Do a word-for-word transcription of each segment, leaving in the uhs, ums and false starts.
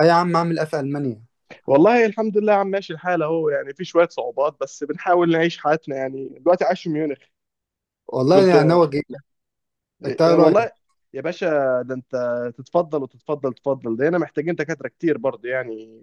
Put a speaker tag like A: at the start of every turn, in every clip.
A: أي يا عم، أعمل إيه في ألمانيا؟
B: والله الحمد لله، عم ماشي الحال اهو، يعني في شويه صعوبات بس بنحاول نعيش حياتنا يعني. دلوقتي عايش في ميونخ.
A: والله
B: كنت
A: أنا ناوي أجيلك. أنت إيه
B: إيه،
A: رأيك؟
B: والله يا باشا. ده انت تتفضل وتتفضل تتفضل، ده هنا محتاجين دكاتره كتير برضه، يعني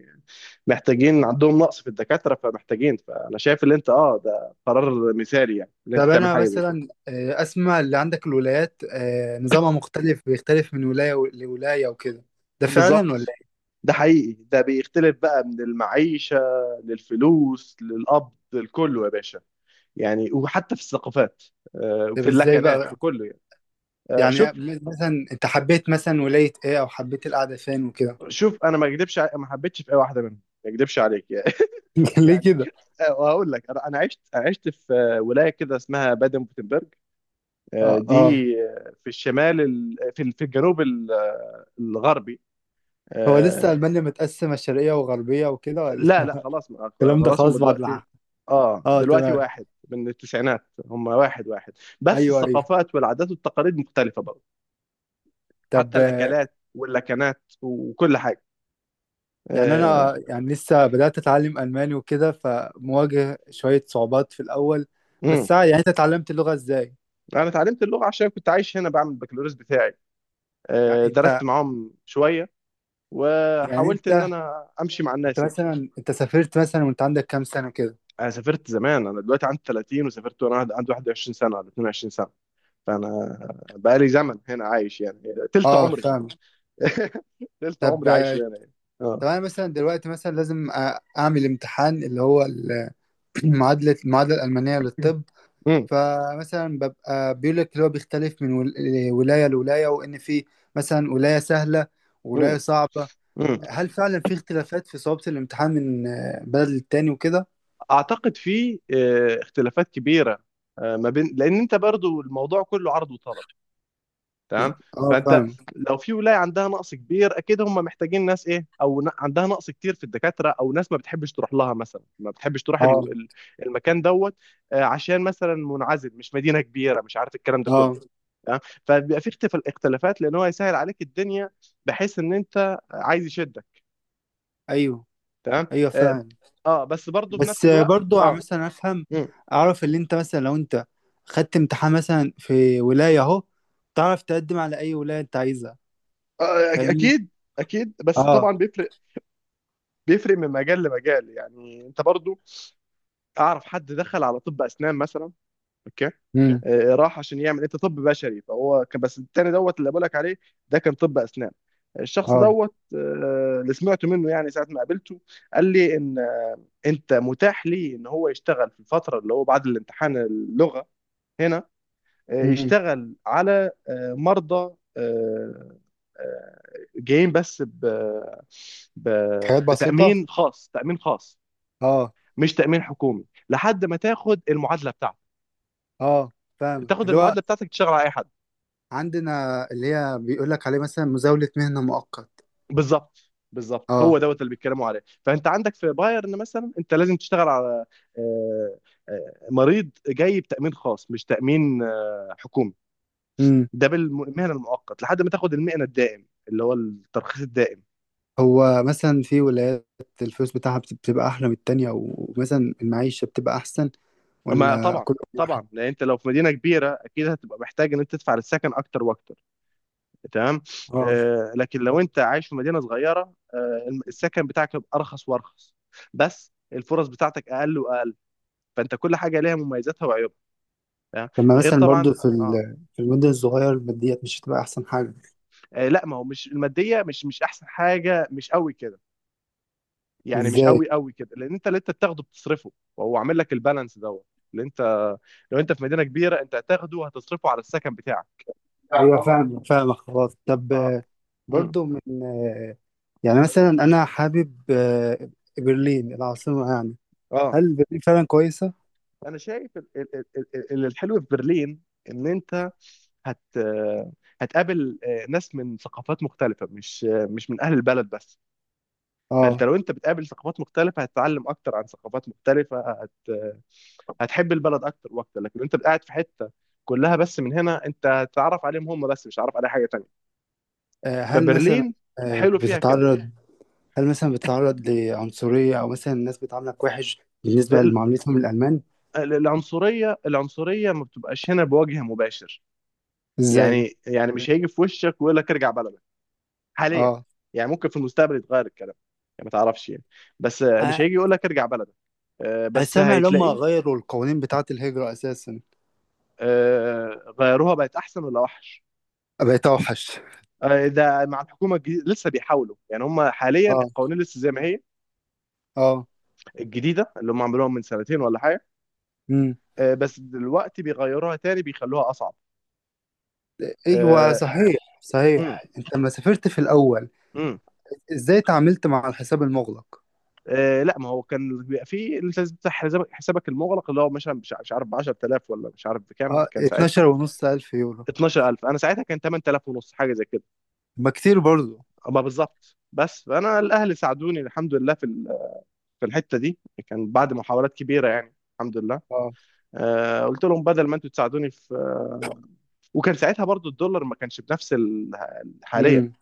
B: محتاجين، عندهم نقص في الدكاتره، فمحتاجين فانا شايف اللي انت، اه ده قرار مثالي، يعني اللي انت
A: طب
B: تعمل
A: أنا
B: حاجه زي كده.
A: مثلا آه، أسمع اللي عندك الولايات، آه، نظامها مختلف، بيختلف من ولاية و- لولاية وكده. ده فعلا ولا
B: بالظبط،
A: إيه؟
B: ده حقيقي، ده بيختلف بقى من المعيشه للفلوس للقبض لكله يا باشا، يعني وحتى في الثقافات، آه،
A: طب،
B: في
A: إزاي
B: اللكنات في
A: بقى؟
B: كله يعني. آه، شوف.
A: يعني م- مثلا أنت حبيت مثلا ولاية إيه، أو حبيت القعدة فين وكده؟
B: شوف انا ما اكذبش، ع- ما حبيتش في اي واحده منهم، ما اكذبش عليك.
A: ليه
B: يعني
A: كده؟
B: آه، وهقول لك، انا أنا عشت عشت في ولايه كده اسمها بادن بوتنبرج. آه،
A: آه،
B: دي
A: آه.
B: آه، في الشمال، ال- في ال- في الجنوب ال- آه، الغربي.
A: هو لسه
B: آه،
A: ألمانيا متقسمة شرقية وغربية وكده، ولا؟
B: لا لا خلاص، ما-
A: الكلام ده
B: خلاص هم
A: خلاص بعد
B: دلوقتي.
A: ما.
B: اه
A: آه،
B: دلوقتي
A: تمام.
B: واحد من التسعينات، هم واحد واحد. بس
A: أيوه، أيوه.
B: الثقافات والعادات والتقاليد مختلفه برضه. حتى
A: طب، آه،
B: الاكلات واللكنات وكل حاجه.
A: يعني
B: آه،
A: أنا يعني لسه بدأت أتعلم ألماني وكده، فمواجه شوية صعوبات في الأول.
B: امم
A: بس يعني أنت اتعلمت اللغة إزاي؟
B: انا اتعلمت اللغه عشان كنت عايش هنا بعمل البكالوريوس بتاعي.
A: يعني
B: آه،
A: أنت.
B: درست معاهم شويه،
A: يعني
B: وحاولت ان
A: أنت.
B: انا امشي مع
A: أنت
B: الناس يعني.
A: مثلا أنت سافرت مثلا وأنت عندك كام سنة كده؟
B: انا سافرت زمان، انا دلوقتي عندي ثلاثين، وسافرت وانا عند- عندي واحد وعشرين سنة سنه ولا اثنتين وعشرين سنة سنه. فانا بقالي زمن هنا عايش يعني، تلت
A: أه،
B: عمري.
A: فاهم.
B: تلت
A: طب
B: عمري عايش هنا يعني. اه.
A: طب أنا مثلا دلوقتي مثلا لازم أ- أعمل امتحان اللي هو ال- معادلة المعادلة الألمانية للطب.
B: مم.
A: فمثلا ببقى بيقول لك اللي هو بيختلف من ول- ولاية لولاية، وإن في مثلا ولاية سهلة،
B: مم.
A: ولاية صعبة.
B: مم.
A: هل فعلا في اختلافات في صعوبة الامتحان من آه، بلد للتاني وكده؟
B: اعتقد في آه، اختلافات كبيره، آه، ما بين، لان انت برضو الموضوع كله عرض وطلب. تمام.
A: اه،
B: فانت
A: فاهم.
B: لو في ولايه عندها نقص كبير، اكيد هم محتاجين ناس، ايه او ن- عندها نقص كتير في الدكاتره، او ناس ما بتحبش تروح لها مثلا، ما بتحبش تروح
A: اه،
B: ال- ال- المكان دوت، آه، عشان مثلا منعزل، مش مدينه كبيره، مش عارف الكلام ده كله.
A: اه.
B: تمام. فبيبقى في اختف- اختلافات، لان هو يسهل عليك الدنيا بحيث ان انت عايز يشدك.
A: ايوه،
B: تمام.
A: ايوه،
B: اه.
A: فاهم.
B: آه، بس برضه في
A: بس،
B: نفس
A: آه،
B: الوقت
A: برضو ع-
B: اه.
A: مثلا افهم،
B: مم.
A: اعرف اللي انت مثلا لو انت خدت امتحان مثلا في ولاية اهو، تعرف تقدم على اي ولاية انت عايزها.
B: آه، أك-
A: فاهمني؟
B: اكيد. اكيد، بس
A: اه.
B: طبعا بيفرق. بيفرق من مجال لمجال، يعني انت برضه اعرف حد دخل على طب اسنان مثلا. اوكي.
A: امم.
B: آه، راح عشان يعمل، انت طب بشري، فهو كان بس التاني دوت اللي بقولك عليه، ده كان طب اسنان. الشخص
A: اه.
B: دوت آه، اللي سمعته منه يعني ساعه ما قابلته قال لي ان آه، انت متاح لي ان هو يشتغل في الفتره اللي هو بعد الامتحان اللغه هنا، آه،
A: امم.
B: يشتغل على آه، مرضى آه، آه، جايين بس ب... ب...
A: حاجات بسيطة.
B: بتامين خاص، تامين خاص،
A: اه.
B: مش تامين حكومي، لحد ما تاخد المعادله بتاعتك.
A: اه، فاهم
B: تاخد
A: اللي هو
B: المعادله بتاعتك تشتغل على اي حد.
A: عندنا، اللي هي بيقول لك عليه مثلا مزاولة مهنة مؤقت.
B: بالظبط بالظبط، هو
A: اه.
B: دوت اللي بيتكلموا عليه، فانت عندك في بايرن مثلا انت لازم تشتغل على آه، آه، مريض جاي بتامين خاص، مش تامين آه، حكومي. ده بالمهنه المؤقت لحد ما تاخد المهنه الدائم، اللي هو الترخيص الدائم.
A: هو مثلا في ولايات الفلوس بتاعها بت- بتبقى أحلى من التانية، ومثلا المعيشة بتبقى أحسن،
B: ما
A: ولا
B: طبعا،
A: كل واحد؟
B: طبعا لان انت لو في مدينه كبيره اكيد هتبقى محتاج ان انت تدفع للسكن اكتر واكتر. تمام.
A: اه.
B: آه، لكن لو انت عايش في مدينه صغيره، آه السكن بتاعك هيبقى ارخص وارخص، بس الفرص بتاعتك اقل واقل. فانت كل حاجه ليها مميزاتها وعيوبها. تمام؟
A: لما
B: غير
A: مثلا
B: طبعا.
A: برضو في
B: اه.
A: ال- في المدن الصغيرة، الماديات مش هتبقى أحسن حاجة؟
B: آه، لا ما هو مش الماديه، مش مش احسن حاجه، مش قوي كده، يعني مش
A: إزاي؟
B: قوي قوي كده، لان انت اللي انت بتاخده بتصرفه، وهو عامل لك البالانس دوت. اللي انت لو انت في مدينه كبيره، انت هتاخده وهتصرفه على السكن بتاعك.
A: أيوة، فاهم فاهم، خلاص. طب،
B: اه.
A: آه،
B: امم.
A: برضو من، آه، يعني مثلا أنا حابب، آه، برلين العاصمة يعني،
B: اه.
A: هل برلين فعلا كويسة؟
B: انا شايف ال- ال- ال- ال- ال- الحلو في برلين ان انت هت هتقابل آه، ناس من ثقافات مختلفه، مش آه، مش من اهل البلد بس. فانت
A: اه.
B: لو انت بتقابل ثقافات مختلفه، هتتعلم اكتر عن ثقافات مختلفه، هت... هتحب البلد اكتر واكتر. لكن انت قاعد في حته كلها، بس من هنا انت هتتعرف عليهم هم بس، مش هتعرف على حاجه تانية.
A: آه، هل مثلا،
B: فبرلين
A: آه،
B: حلو فيها كده.
A: بتتعرض، هل مثلا بتتعرض لعنصرية، أو مثلا الناس بتعاملك وحش بالنسبة
B: ال-
A: لمعاملتهم الألمان؟
B: ال- العنصريه، العنصريه ما بتبقاش هنا بوجه مباشر،
A: إزاي؟
B: يعني يعني مش هيجي في وشك ويقول لك ارجع بلدك، حاليا.
A: آه.
B: يعني ممكن في المستقبل يتغير الكلام. يعني ما تعرفش يعني. بس مش
A: أ-
B: هيجي يقول لك ارجع بلدك، آه،
A: أنا
B: بس
A: سامع لما
B: هيتلاقي.
A: غيروا القوانين بتاعة الهجرة أساسا.
B: آه، غيروها بقت احسن ولا وحش؟
A: بقيت أوحش.
B: آه، ده مع الحكومه الجديده لسه بيحاولوا، يعني هم حاليا
A: آه.
B: القوانين لسه زي ما هي،
A: آه.
B: الجديده اللي هم عملوها من سنتين ولا حاجه.
A: مم.
B: آه، بس دلوقتي بيغيروها تاني، بيخلوها اصعب.
A: أيوه،
B: آه،
A: صحيح
B: امم
A: صحيح، أنت لما سافرت في الأول
B: امم
A: إزاي تعاملت مع الحساب المغلق؟
B: آه، لا ما هو كان بيبقى في اللي لازم تفتح حسابك، حسابك المغلق، اللي هو مثلا مش مش عارف ب عشرتلاف ولا مش عارف بكام
A: آه،
B: كان ساعتها.
A: اتناشر ونص ألف يورو.
B: اتناشر ألف. انا ساعتها كان ثمانية آلاف ونص، حاجه زي كده.
A: ما كتير برضه.
B: اما بالظبط بس. فانا الاهل ساعدوني الحمد لله في ال- في الحته دي، كان بعد محاولات كبيره يعني الحمد لله.
A: آه،
B: آه، قلت لهم بدل ما انتوا تساعدوني في آه، وكان ساعتها برضو الدولار ما كانش بنفس ال- حاليا.
A: امم،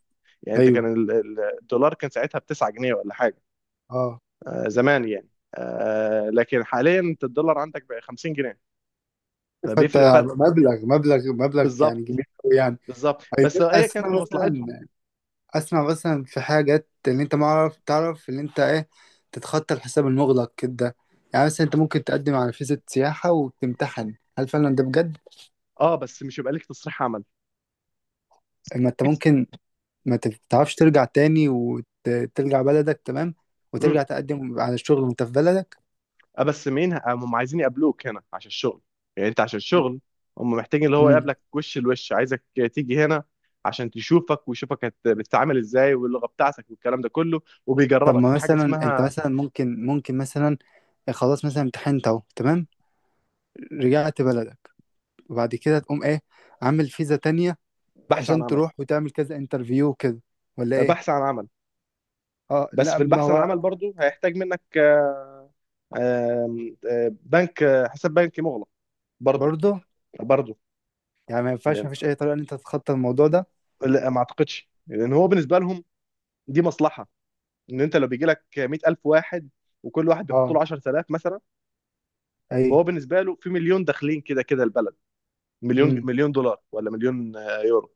B: يعني انت
A: أيوه،
B: كان ال- ال- الدولار كان ساعتها ب تسعة جنيه ولا حاجه،
A: آه.
B: آه، زمان يعني. آه، لكن حاليا انت الدولار عندك بقى خمسين جنيه،
A: فأنت،
B: فبيفرق فرق.
A: مبلغ مبلغ مبلغ يعني
B: بالظبط،
A: كبير أوي يعني.
B: بالظبط بس هي
A: أسمع
B: كانت في مصلحتهم.
A: مثلا، اسمع مثلا، في حاجات اللي انت ما عارف تعرف اللي انت ايه، تتخطى الحساب المغلق كده. يعني مثلا انت ممكن تقدم على فيزا سياحة وتمتحن، هل فعلا ده بجد؟
B: اه بس مش يبقى ليك تصريح عمل.
A: ما انت ممكن، ما تعرفش، ترجع تاني وترجع بلدك، تمام، وترجع تقدم على الشغل وانت في بلدك.
B: اه بس مين، ه- هم عايزين يقابلوك هنا عشان الشغل. يعني انت عشان الشغل، هم محتاجين اللي هو
A: مم.
B: يقابلك وش لوش، عايزك تيجي هنا عشان تشوفك ويشوفك هت- بتتعامل ازاي، واللغة بتاعتك والكلام ده كله،
A: طب،
B: وبيجربك
A: ما
B: في حاجة
A: مثلا انت
B: اسمها
A: مثلا ممكن ممكن مثلا، خلاص مثلا امتحنت اهو، تمام، رجعت بلدك، وبعد كده تقوم ايه؟ عامل فيزا تانية
B: بحث عن
A: عشان
B: عمل.
A: تروح وتعمل كذا انترفيو كده، ولا
B: آه،
A: ايه؟
B: بحث عن عمل.
A: اه.
B: بس
A: لا،
B: في
A: ما
B: البحث عن
A: هو
B: عمل برضو هيحتاج منك آه، آم، آه، بنك آه، حساب بنكي مغلق، برضو.
A: برضه
B: برضو.
A: يعني ما ينفعش،
B: لأن-
A: ما فيش اي طريقه ان انت تتخطى الموضوع ده.
B: لا ما اعتقدش، لان هو بالنسبة لهم دي مصلحة. ان انت لو بيجي لك مائة ألف واحد، وكل واحد بيحط
A: اه.
B: له عشرة آلاف مثلا،
A: اي.
B: فهو بالنسبه له في مليون داخلين كده كده البلد، مليون،
A: امم.
B: مليون دولار ولا مليون آه، يورو.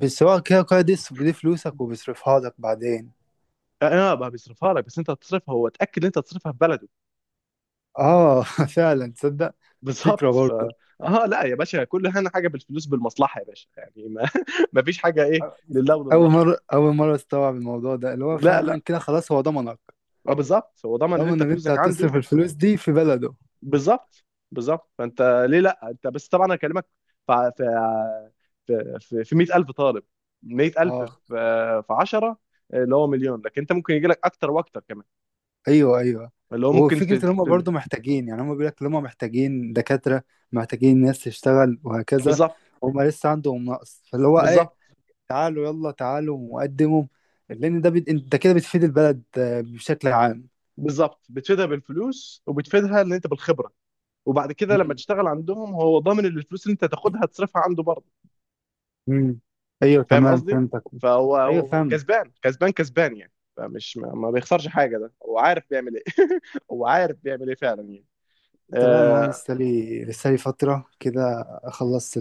A: بس هو كده كده دي دي فلوسك، وبيصرفها لك بعدين.
B: اه. آه، بقى بيصرفها لك، بس انت هتصرفها، هو اتاكد ان انت هتصرفها في بلده.
A: اه. فعلا، تصدق، فكره
B: بالظبط ف.
A: برضه.
B: اه لا يا باشا، كل هنا حاجه بالفلوس بالمصلحه يا باشا، يعني ما, ما فيش حاجه ايه، لله
A: اول
B: وللوطن.
A: مره اول مره استوعب الموضوع ده، اللي هو
B: لا
A: فعلا
B: لا.
A: كده خلاص هو ضمنك،
B: اه بالظبط، هو ضمن ان انت
A: ضمن ان انت
B: فلوسك عنده.
A: هتصرف الفلوس دي في بلده.
B: بالظبط بالظبط، فانت، ليه لا. انت بس طبعا انا اكلمك في في في, في مائة ألف طالب. مائة ألف في
A: اه.
B: آه، في عشرة، اللي هو مليون. لكن انت ممكن يجي لك اكتر واكتر كمان،
A: ايوه، ايوه.
B: اللي هو ممكن في
A: وفكره ان هم
B: في ال-
A: برضه محتاجين، يعني هم بيقول لك ان هم محتاجين دكاتره، محتاجين ناس تشتغل، وهكذا.
B: بالظبط.
A: هم لسه عندهم نقص، فاللي هو اي،
B: بالظبط.
A: تعالوا يلا، تعالوا وقدموا، لان ده بت... انت كده بتفيد البلد آه، بشكل عام.
B: بالظبط، بتفيدها بالفلوس، وبتفيدها ان انت بالخبره، وبعد كده لما
A: مم.
B: تشتغل عندهم، هو ضامن ان الفلوس اللي انت تاخدها تصرفها عنده برضه.
A: مم. ايوه،
B: فاهم
A: تمام،
B: قصدي؟
A: فهمتك.
B: فهو
A: ايوه،
B: هو
A: فاهم.
B: كسبان كسبان كسبان يعني، فمش ما ما بيخسرش حاجه، ده هو عارف بيعمل ايه. هو عارف بيعمل ايه فعلا يعني.
A: انت بقى، ما انا
B: آه.
A: لسه لي لسه لي فتره كده اخلص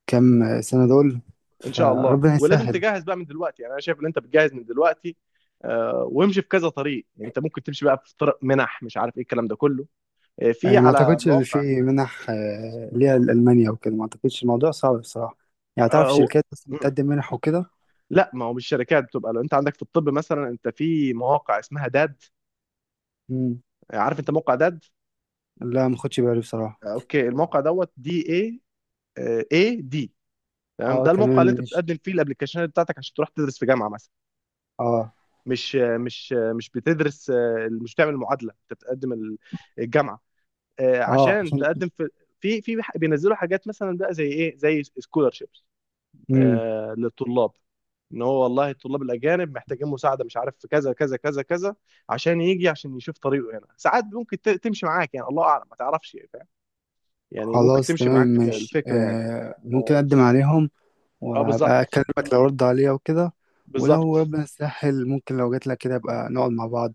A: الكام سنه دول،
B: ان شاء الله.
A: فربنا
B: ولازم
A: يسهل.
B: تجهز بقى من دلوقتي، يعني انا شايف ان انت بتجهز من دلوقتي آه وامشي في كذا طريق. انت ممكن تمشي بقى في طرق منح، مش عارف ايه الكلام ده كله، آه
A: آه،
B: في
A: ما
B: على
A: اعتقدش ان
B: مواقع،
A: في منح آه، ليها لالمانيا وكده، ما اعتقدش الموضوع صعب بصراحه. يعني تعرف
B: أو.
A: شركات بس
B: مم.
A: بتقدم منح وكده؟
B: لا ما هو مش شركات، بتبقى لو انت عندك في الطب مثلا، انت في مواقع اسمها داد.
A: مم.
B: عارف انت موقع داد؟
A: لا، ما خدش بالي بصراحه.
B: اوكي. الموقع دوت دي اي اي دي. تمام،
A: اه،
B: ده الموقع
A: تمام،
B: اللي انت
A: ماشي.
B: بتقدم فيه الابلكيشنات بتاعتك عشان تروح تدرس في جامعه مثلا.
A: اه.
B: مش مش مش بتدرس، آه، مش بتعمل معادله. انت بتقدم ال- الجامعه، آه،
A: اه
B: عشان
A: عشان.
B: تقدم في في في بينزلوا حاجات مثلا بقى زي ايه، زي سكولرشيب
A: مم.
B: آه، للطلاب. ان هو والله الطلاب الاجانب محتاجين مساعده، مش عارف في كذا كذا كذا كذا، عشان يجي عشان يشوف طريقه. هنا ساعات ممكن ت- تمشي معاك، يعني الله اعلم، ما تعرفش يعني، فاهم. يعني ممكن
A: خلاص،
B: تمشي
A: تمام،
B: معاك
A: ماشي.
B: الفكره يعني.
A: آه ممكن
B: اه.
A: أقدم عليهم،
B: آه،
A: وأبقى
B: بالظبط.
A: أكلمك لو رد عليا وكده. ولو
B: بالظبط.
A: ربنا يسهل، ممكن لو جاتلك كده أبقى نقعد مع بعض،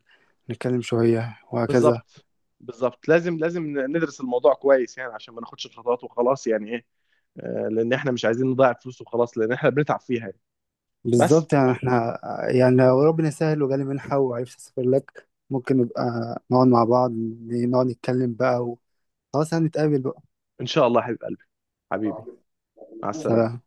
A: نتكلم شوية وهكذا.
B: بالظبط، بالظبط لازم لازم ندرس الموضوع كويس يعني عشان ما ناخدش الخطوات وخلاص يعني ايه، آه، لان احنا مش عايزين نضيع فلوس وخلاص، لان احنا بنتعب فيها يعني. بس.
A: بالظبط، يعني احنا، يعني لو ربنا يسهل وجالي منحة وعرفت أسافر لك، ممكن نبقى نقعد مع بعض، نقعد نتكلم بقى، وخلاص هنتقابل بقى.
B: ان شاء الله يا حبيب قلبي، حبيبي. مع السلامه.
A: سلام.